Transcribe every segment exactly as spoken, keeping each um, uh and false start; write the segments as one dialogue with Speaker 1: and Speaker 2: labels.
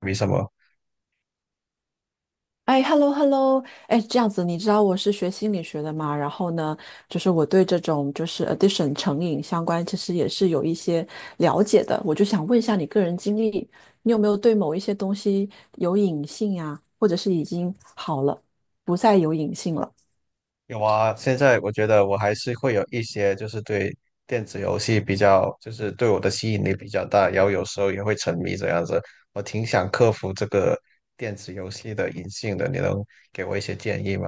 Speaker 1: 没什么。
Speaker 2: 哎，hello hello。哎，这样子，你知道我是学心理学的嘛？然后呢，就是我对这种就是 addiction 成瘾相关，其实也是有一些了解的。我就想问一下你个人经历，你有没有对某一些东西有瘾性呀？或者是已经好了，不再有瘾性了？
Speaker 1: 有啊，现在我觉得我还是会有一些，就是对电子游戏比较，就是对我的吸引力比较大，然后有时候也会沉迷这样子。我挺想克服这个电子游戏的瘾性的，你能给我一些建议吗？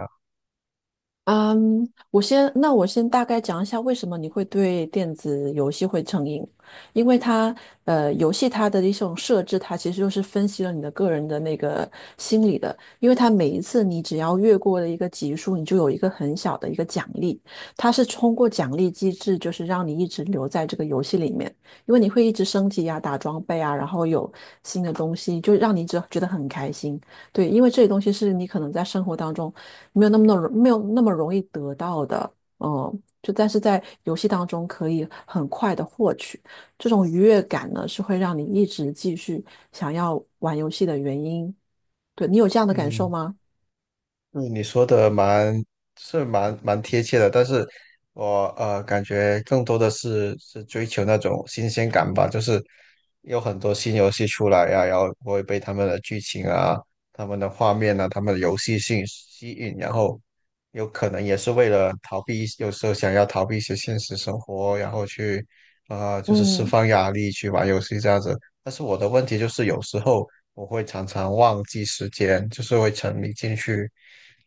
Speaker 2: 嗯，我先，那我先大概讲一下为什么你会对电子游戏会成瘾。因为它，呃，游戏它的一种设置，它其实就是分析了你的个人的那个心理的。因为它每一次你只要越过了一个级数，你就有一个很小的一个奖励。它是通过奖励机制，就是让你一直留在这个游戏里面。因为你会一直升级啊、打装备啊，然后有新的东西，就让你只觉得很开心。对，因为这些东西是你可能在生活当中，没有那么那么没有那么容易得到的。嗯，就但是在游戏当中可以很快的获取这种愉悦感呢，是会让你一直继续想要玩游戏的原因。对，你有这样的感受
Speaker 1: 嗯，
Speaker 2: 吗？
Speaker 1: 对你说的蛮是蛮蛮贴切的，但是我呃感觉更多的是是追求那种新鲜感吧，就是有很多新游戏出来呀、然后我会被他们的剧情啊、他们的画面啊、他们的游戏性吸引，然后有可能也是为了逃避一有时候想要逃避一些现实生活，然后去呃就是释
Speaker 2: 嗯
Speaker 1: 放压力去玩游戏这样子。但是我的问题就是有时候我会常常忘记时间，就是会沉迷进去。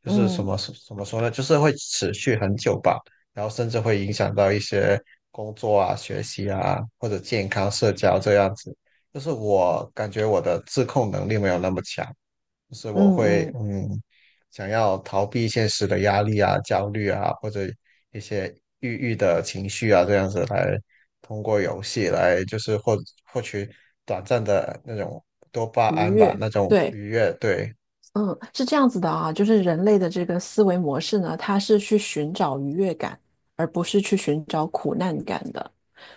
Speaker 1: 就是什
Speaker 2: 嗯
Speaker 1: 么怎么说呢？就是会持续很久吧，然后甚至会影响到一些工作啊、学习啊，或者健康、社交这样子。就是我感觉我的自控能力没有那么强，就是我
Speaker 2: 嗯
Speaker 1: 会
Speaker 2: 嗯，
Speaker 1: 嗯，想要逃避现实的压力啊、焦虑啊，或者一些抑郁的情绪啊，这样子来通过游戏来就是获获取短暂的那种多巴
Speaker 2: 愉
Speaker 1: 胺吧，
Speaker 2: 悦，
Speaker 1: 那种
Speaker 2: 对。
Speaker 1: 愉悦。对，
Speaker 2: 嗯，是这样子的啊，就是人类的这个思维模式呢，它是去寻找愉悦感，而不是去寻找苦难感的。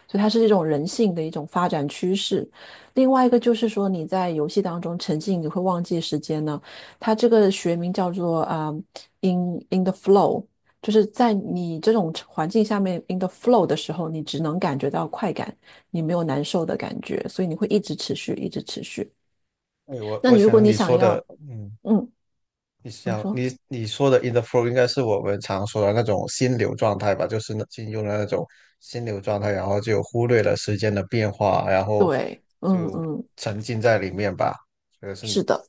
Speaker 2: 所以它是这种人性的一种发展趋势。另外一个就是说，你在游戏当中沉浸，你会忘记时间呢。它这个学名叫做啊、呃 in in the flow。就是在你这种环境下面 in the flow 的时候，你只能感觉到快感，你没有难受的感觉，所以你会一直持续，一直持续。
Speaker 1: 对我
Speaker 2: 那
Speaker 1: 我
Speaker 2: 你如果
Speaker 1: 想
Speaker 2: 你
Speaker 1: 你
Speaker 2: 想
Speaker 1: 说的，
Speaker 2: 要，
Speaker 1: 嗯。
Speaker 2: 嗯，
Speaker 1: 你
Speaker 2: 你
Speaker 1: 想
Speaker 2: 说。
Speaker 1: 你你说的 in the flow 应该是我们常说的那种心流状态吧，就是那进入了那种心流状态，然后就忽略了时间的变化，然后
Speaker 2: 对，嗯
Speaker 1: 就
Speaker 2: 嗯，
Speaker 1: 沉浸在里面吧。这个是你
Speaker 2: 是的。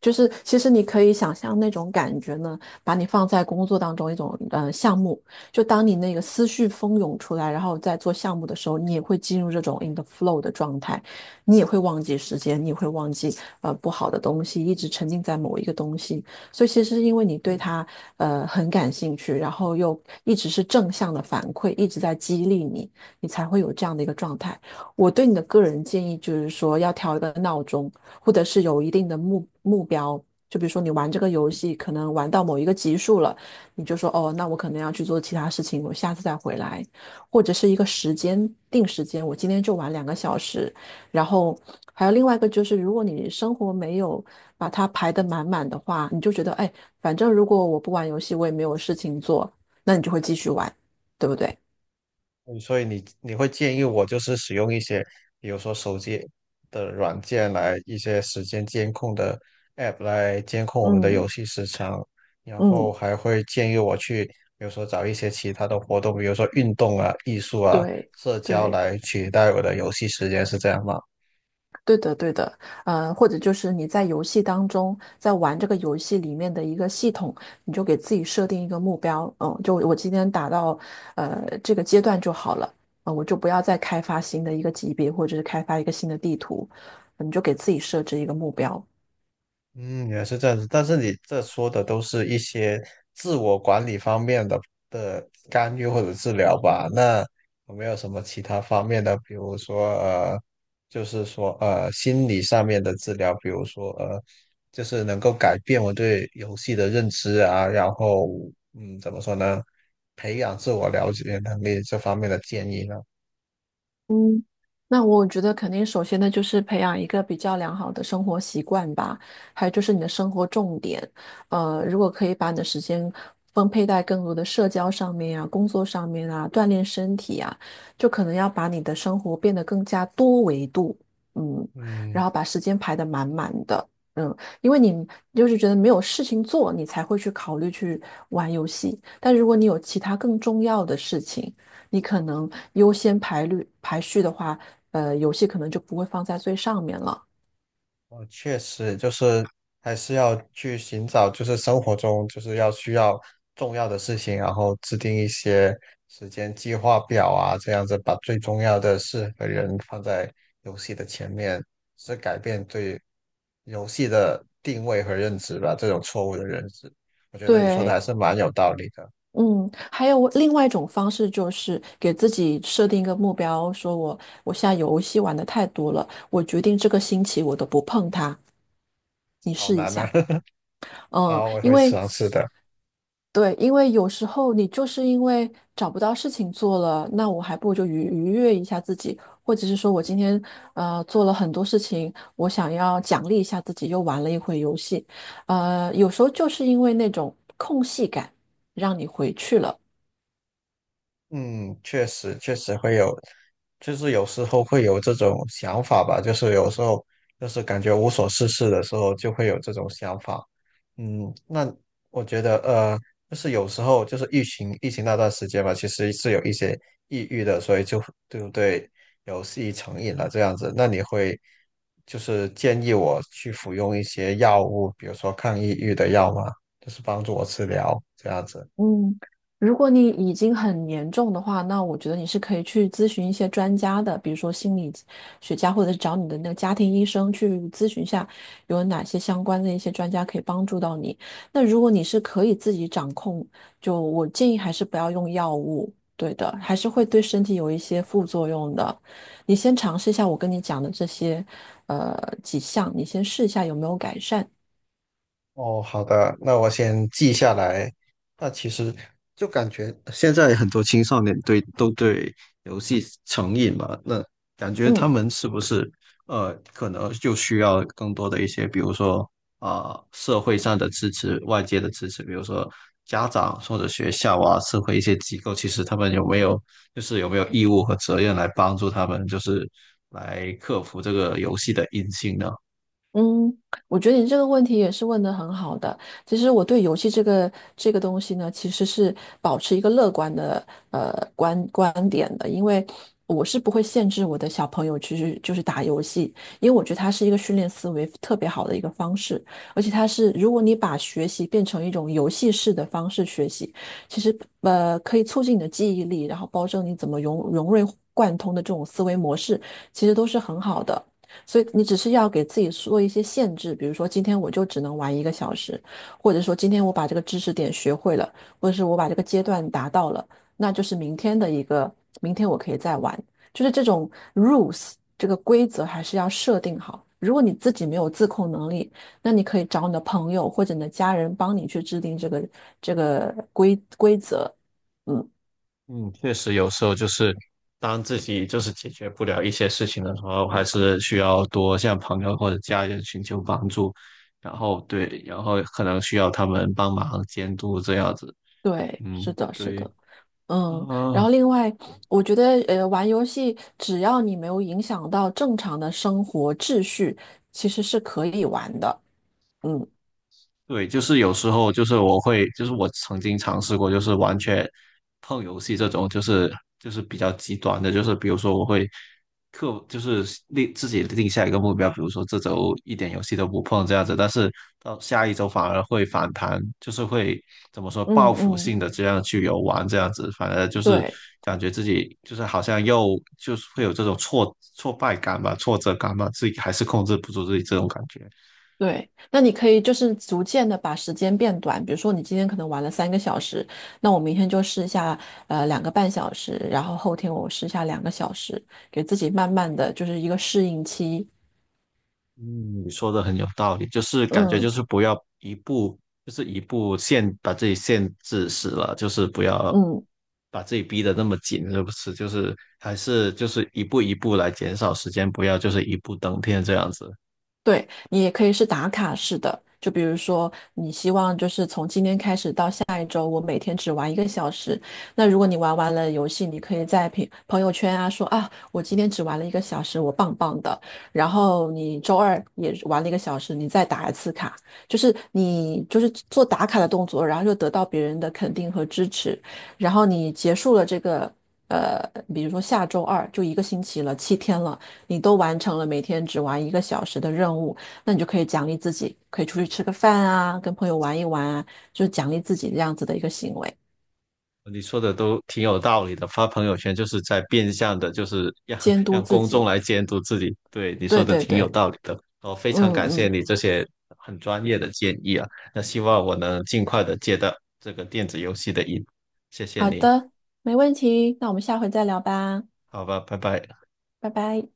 Speaker 2: 就是其实你可以想象那种感觉呢，把你放在工作当中一种呃项目，就当你那个思绪蜂涌出来，然后在做项目的时候，你也会进入这种 in the flow 的状态，你也会忘记时间，你也会忘记呃不好的东西，一直沉浸在某一个东西。所以其实是因为你对它呃很感兴趣，然后又一直是正向的反馈，一直在激励你，你才会有这样的一个状态。我对你的个人建议就是说，要调一个闹钟，或者是有一定的目目标。就比如说，你玩这个游戏，可能玩到某一个级数了，你就说，哦，那我可能要去做其他事情，我下次再回来。或者是一个时间定时间，我今天就玩两个小时。然后还有另外一个就是，如果你生活没有把它排得满满的话，你就觉得，哎，反正如果我不玩游戏，我也没有事情做，那你就会继续玩，对不对？
Speaker 1: 嗯所以你你会建议我就是使用一些，比如说手机的软件来一些时间监控的 app 来监控我们的
Speaker 2: 嗯
Speaker 1: 游戏时长，然后
Speaker 2: 嗯，
Speaker 1: 还会建议我去，比如说找一些其他的活动，比如说运动啊、艺术啊、
Speaker 2: 对
Speaker 1: 社交
Speaker 2: 对。
Speaker 1: 来取代我的游戏时间，是这样吗？
Speaker 2: 对的，对的。呃，或者就是你在游戏当中，在玩这个游戏里面的一个系统，你就给自己设定一个目标。嗯，就我今天打到呃这个阶段就好了，啊、我就不要再开发新的一个级别，或者是开发一个新的地图。嗯你就给自己设置一个目标。
Speaker 1: 嗯，也是这样子，但是你这说的都是一些自我管理方面的的干预或者治疗吧？那有没有什么其他方面的，比如说呃，就是说呃心理上面的治疗，比如说呃，就是能够改变我对游戏的认知啊，然后嗯，怎么说呢，培养自我了解能力这方面的建议呢？
Speaker 2: 嗯，那我觉得肯定，首先呢，就是培养一个比较良好的生活习惯吧，还有就是你的生活重点。呃，如果可以把你的时间分配在更多的社交上面啊、工作上面啊、锻炼身体啊，就可能要把你的生活变得更加多维度。嗯，然
Speaker 1: 嗯。
Speaker 2: 后把时间排得满满的。嗯，因为你就是觉得没有事情做，你才会去考虑去玩游戏。但如果你有其他更重要的事情，你可能优先排率排序的话，呃，游戏可能就不会放在最上面了。
Speaker 1: 哦，确实就是还是要去寻找，就是生活中就是要需要重要的事情，然后制定一些时间计划表啊，这样子把最重要的事和人放在游戏的前面，是改变对游戏的定位和认知吧，这种错误的认知，我觉得你说的还
Speaker 2: 对。
Speaker 1: 是蛮有道理的。
Speaker 2: 嗯，还有我另外一种方式就是给自己设定一个目标，说我我现在游戏玩的太多了，我决定这个星期我都不碰它。
Speaker 1: 好难啊！
Speaker 2: 嗯，
Speaker 1: 好，我
Speaker 2: 因
Speaker 1: 会
Speaker 2: 为
Speaker 1: 尝试的。
Speaker 2: 对，因为有时候你就是因为找不到事情做了，那我还不如就愉愉悦一下自己。或者是说我今天呃做了很多事情，我想要奖励一下自己，又玩了一会游戏。呃，有时候就是因为那种空隙感，让你回去了。
Speaker 1: 嗯，确实确实会有，就是有时候会有这种想法吧，就是有时候就是感觉无所事事的时候就会有这种想法。嗯，那我觉得呃，就是有时候就是疫情疫情那段时间嘛，其实是有一些抑郁的，所以就对不对，有戏成瘾了这样子。那你会就是建议我去服用一些药物，比如说抗抑郁的药吗？就是帮助我治疗这样子。
Speaker 2: 嗯，如果你已经很严重的话，那我觉得你是可以去咨询一些专家的，比如说心理学家，或者是找你的那个家庭医生去咨询一下，有哪些相关的一些专家可以帮助到你。那如果你是可以自己掌控，就我建议还是不要用药物。对的，还是会对身体有一些副作用的。你先尝试一下我跟你讲的这些，呃，几项，你先试一下有没有改善。
Speaker 1: 哦，好的，那我先记下来。那其实就感觉现在很多青少年对都对游戏成瘾嘛，那感觉他
Speaker 2: 嗯。
Speaker 1: 们是不是呃，可能就需要更多的一些，比如说啊、社会上的支持、外界的支持，比如说家长或者学校啊，社会一些机构，其实他们有没有就是有没有义务和责任来帮助他们，就是来克服这个游戏的瘾性呢？
Speaker 2: 嗯，我觉得你这个问题也是问得很好的。其实我对游戏这个这个东西呢，其实是保持一个乐观的呃观观点的。因为我是不会限制我的小朋友其实就是打游戏，因为我觉得它是一个训练思维特别好的一个方式，而且它是如果你把学习变成一种游戏式的方式学习，其实呃可以促进你的记忆力，然后保证你怎么融融会贯通的这种思维模式，其实都是很好的。所以你只是要给自己做一些限制，比如说今天我就只能玩一个小时，或者说今天我把这个知识点学会了，或者是我把这个阶段达到了，那就是明天的一个，明天我可以再玩。就是这种 rules 这个规则还是要设定好。如果你自己没有自控能力，那你可以找你的朋友或者你的家人帮你去制定这个这个规规则。嗯。
Speaker 1: 嗯，确实有时候就是当自己就是解决不了一些事情的时候，还是需要多向朋友或者家人寻求帮助，然后对，然后可能需要他们帮忙监督这样子。
Speaker 2: 对，是
Speaker 1: 嗯，
Speaker 2: 的，是
Speaker 1: 对
Speaker 2: 的。
Speaker 1: 啊，
Speaker 2: 嗯，然后另外，我觉得呃，玩游戏只要你没有影响到正常的生活秩序，其实是可以玩的。嗯，
Speaker 1: 对，就是有时候就是我会，就是我曾经尝试过，就是完全碰游戏这种，就是就是比较极端的，就是比如说我会刻，就是立自己定下一个目标，比如说这周一点游戏都不碰这样子，但是到下一周反而会反弹，就是会怎么说
Speaker 2: 嗯
Speaker 1: 报复
Speaker 2: 嗯，
Speaker 1: 性的这样去游玩这样子，反而就是
Speaker 2: 对
Speaker 1: 感觉自己就是好像又就是会有这种挫挫败感吧，挫折感吧，自己还是控制不住自己这种感觉。
Speaker 2: 对。那你可以就是逐渐的把时间变短，比如说你今天可能玩了三个小时，那我明天就试一下呃两个半小时，然后后天我试一下两个小时，给自己慢慢的就是一个适应期。
Speaker 1: 嗯，你说的很有道理，就是感觉就
Speaker 2: 嗯
Speaker 1: 是不要一步，就是一步限把自己限制死了，就是不要
Speaker 2: 嗯。
Speaker 1: 把自己逼得那么紧，是不是？就是还是就是一步一步来减少时间，不要就是一步登天这样子。
Speaker 2: 对，你也可以是打卡式的，就比如说你希望就是从今天开始到下一周，我每天只玩一个小时。那如果你玩完了游戏，你可以在朋朋友圈啊说啊，我今天只玩了一个小时，我棒棒的。然后你周二也玩了一个小时，你再打一次卡，就是你就是做打卡的动作，然后又得到别人的肯定和支持。然后你结束了这个呃，比如说下周二就一个星期了，七天了。你都完成了每天只玩一个小时的任务，那你就可以奖励自己，可以出去吃个饭啊，跟朋友玩一玩啊，就是奖励自己这样子的一个行为，
Speaker 1: 你说的都挺有道理的，发朋友圈就是在变相的，就是让
Speaker 2: 监督
Speaker 1: 让
Speaker 2: 自
Speaker 1: 公众
Speaker 2: 己。
Speaker 1: 来监督自己。对，你说
Speaker 2: 对
Speaker 1: 的
Speaker 2: 对
Speaker 1: 挺有
Speaker 2: 对，
Speaker 1: 道理的，哦，非
Speaker 2: 嗯
Speaker 1: 常感谢
Speaker 2: 嗯。
Speaker 1: 你这些很专业的建议啊。那希望我能尽快的戒掉这个电子游戏的瘾，谢谢
Speaker 2: 好
Speaker 1: 你。
Speaker 2: 的，没问题，那我们下回再聊吧。
Speaker 1: 好吧，拜拜。
Speaker 2: 拜拜。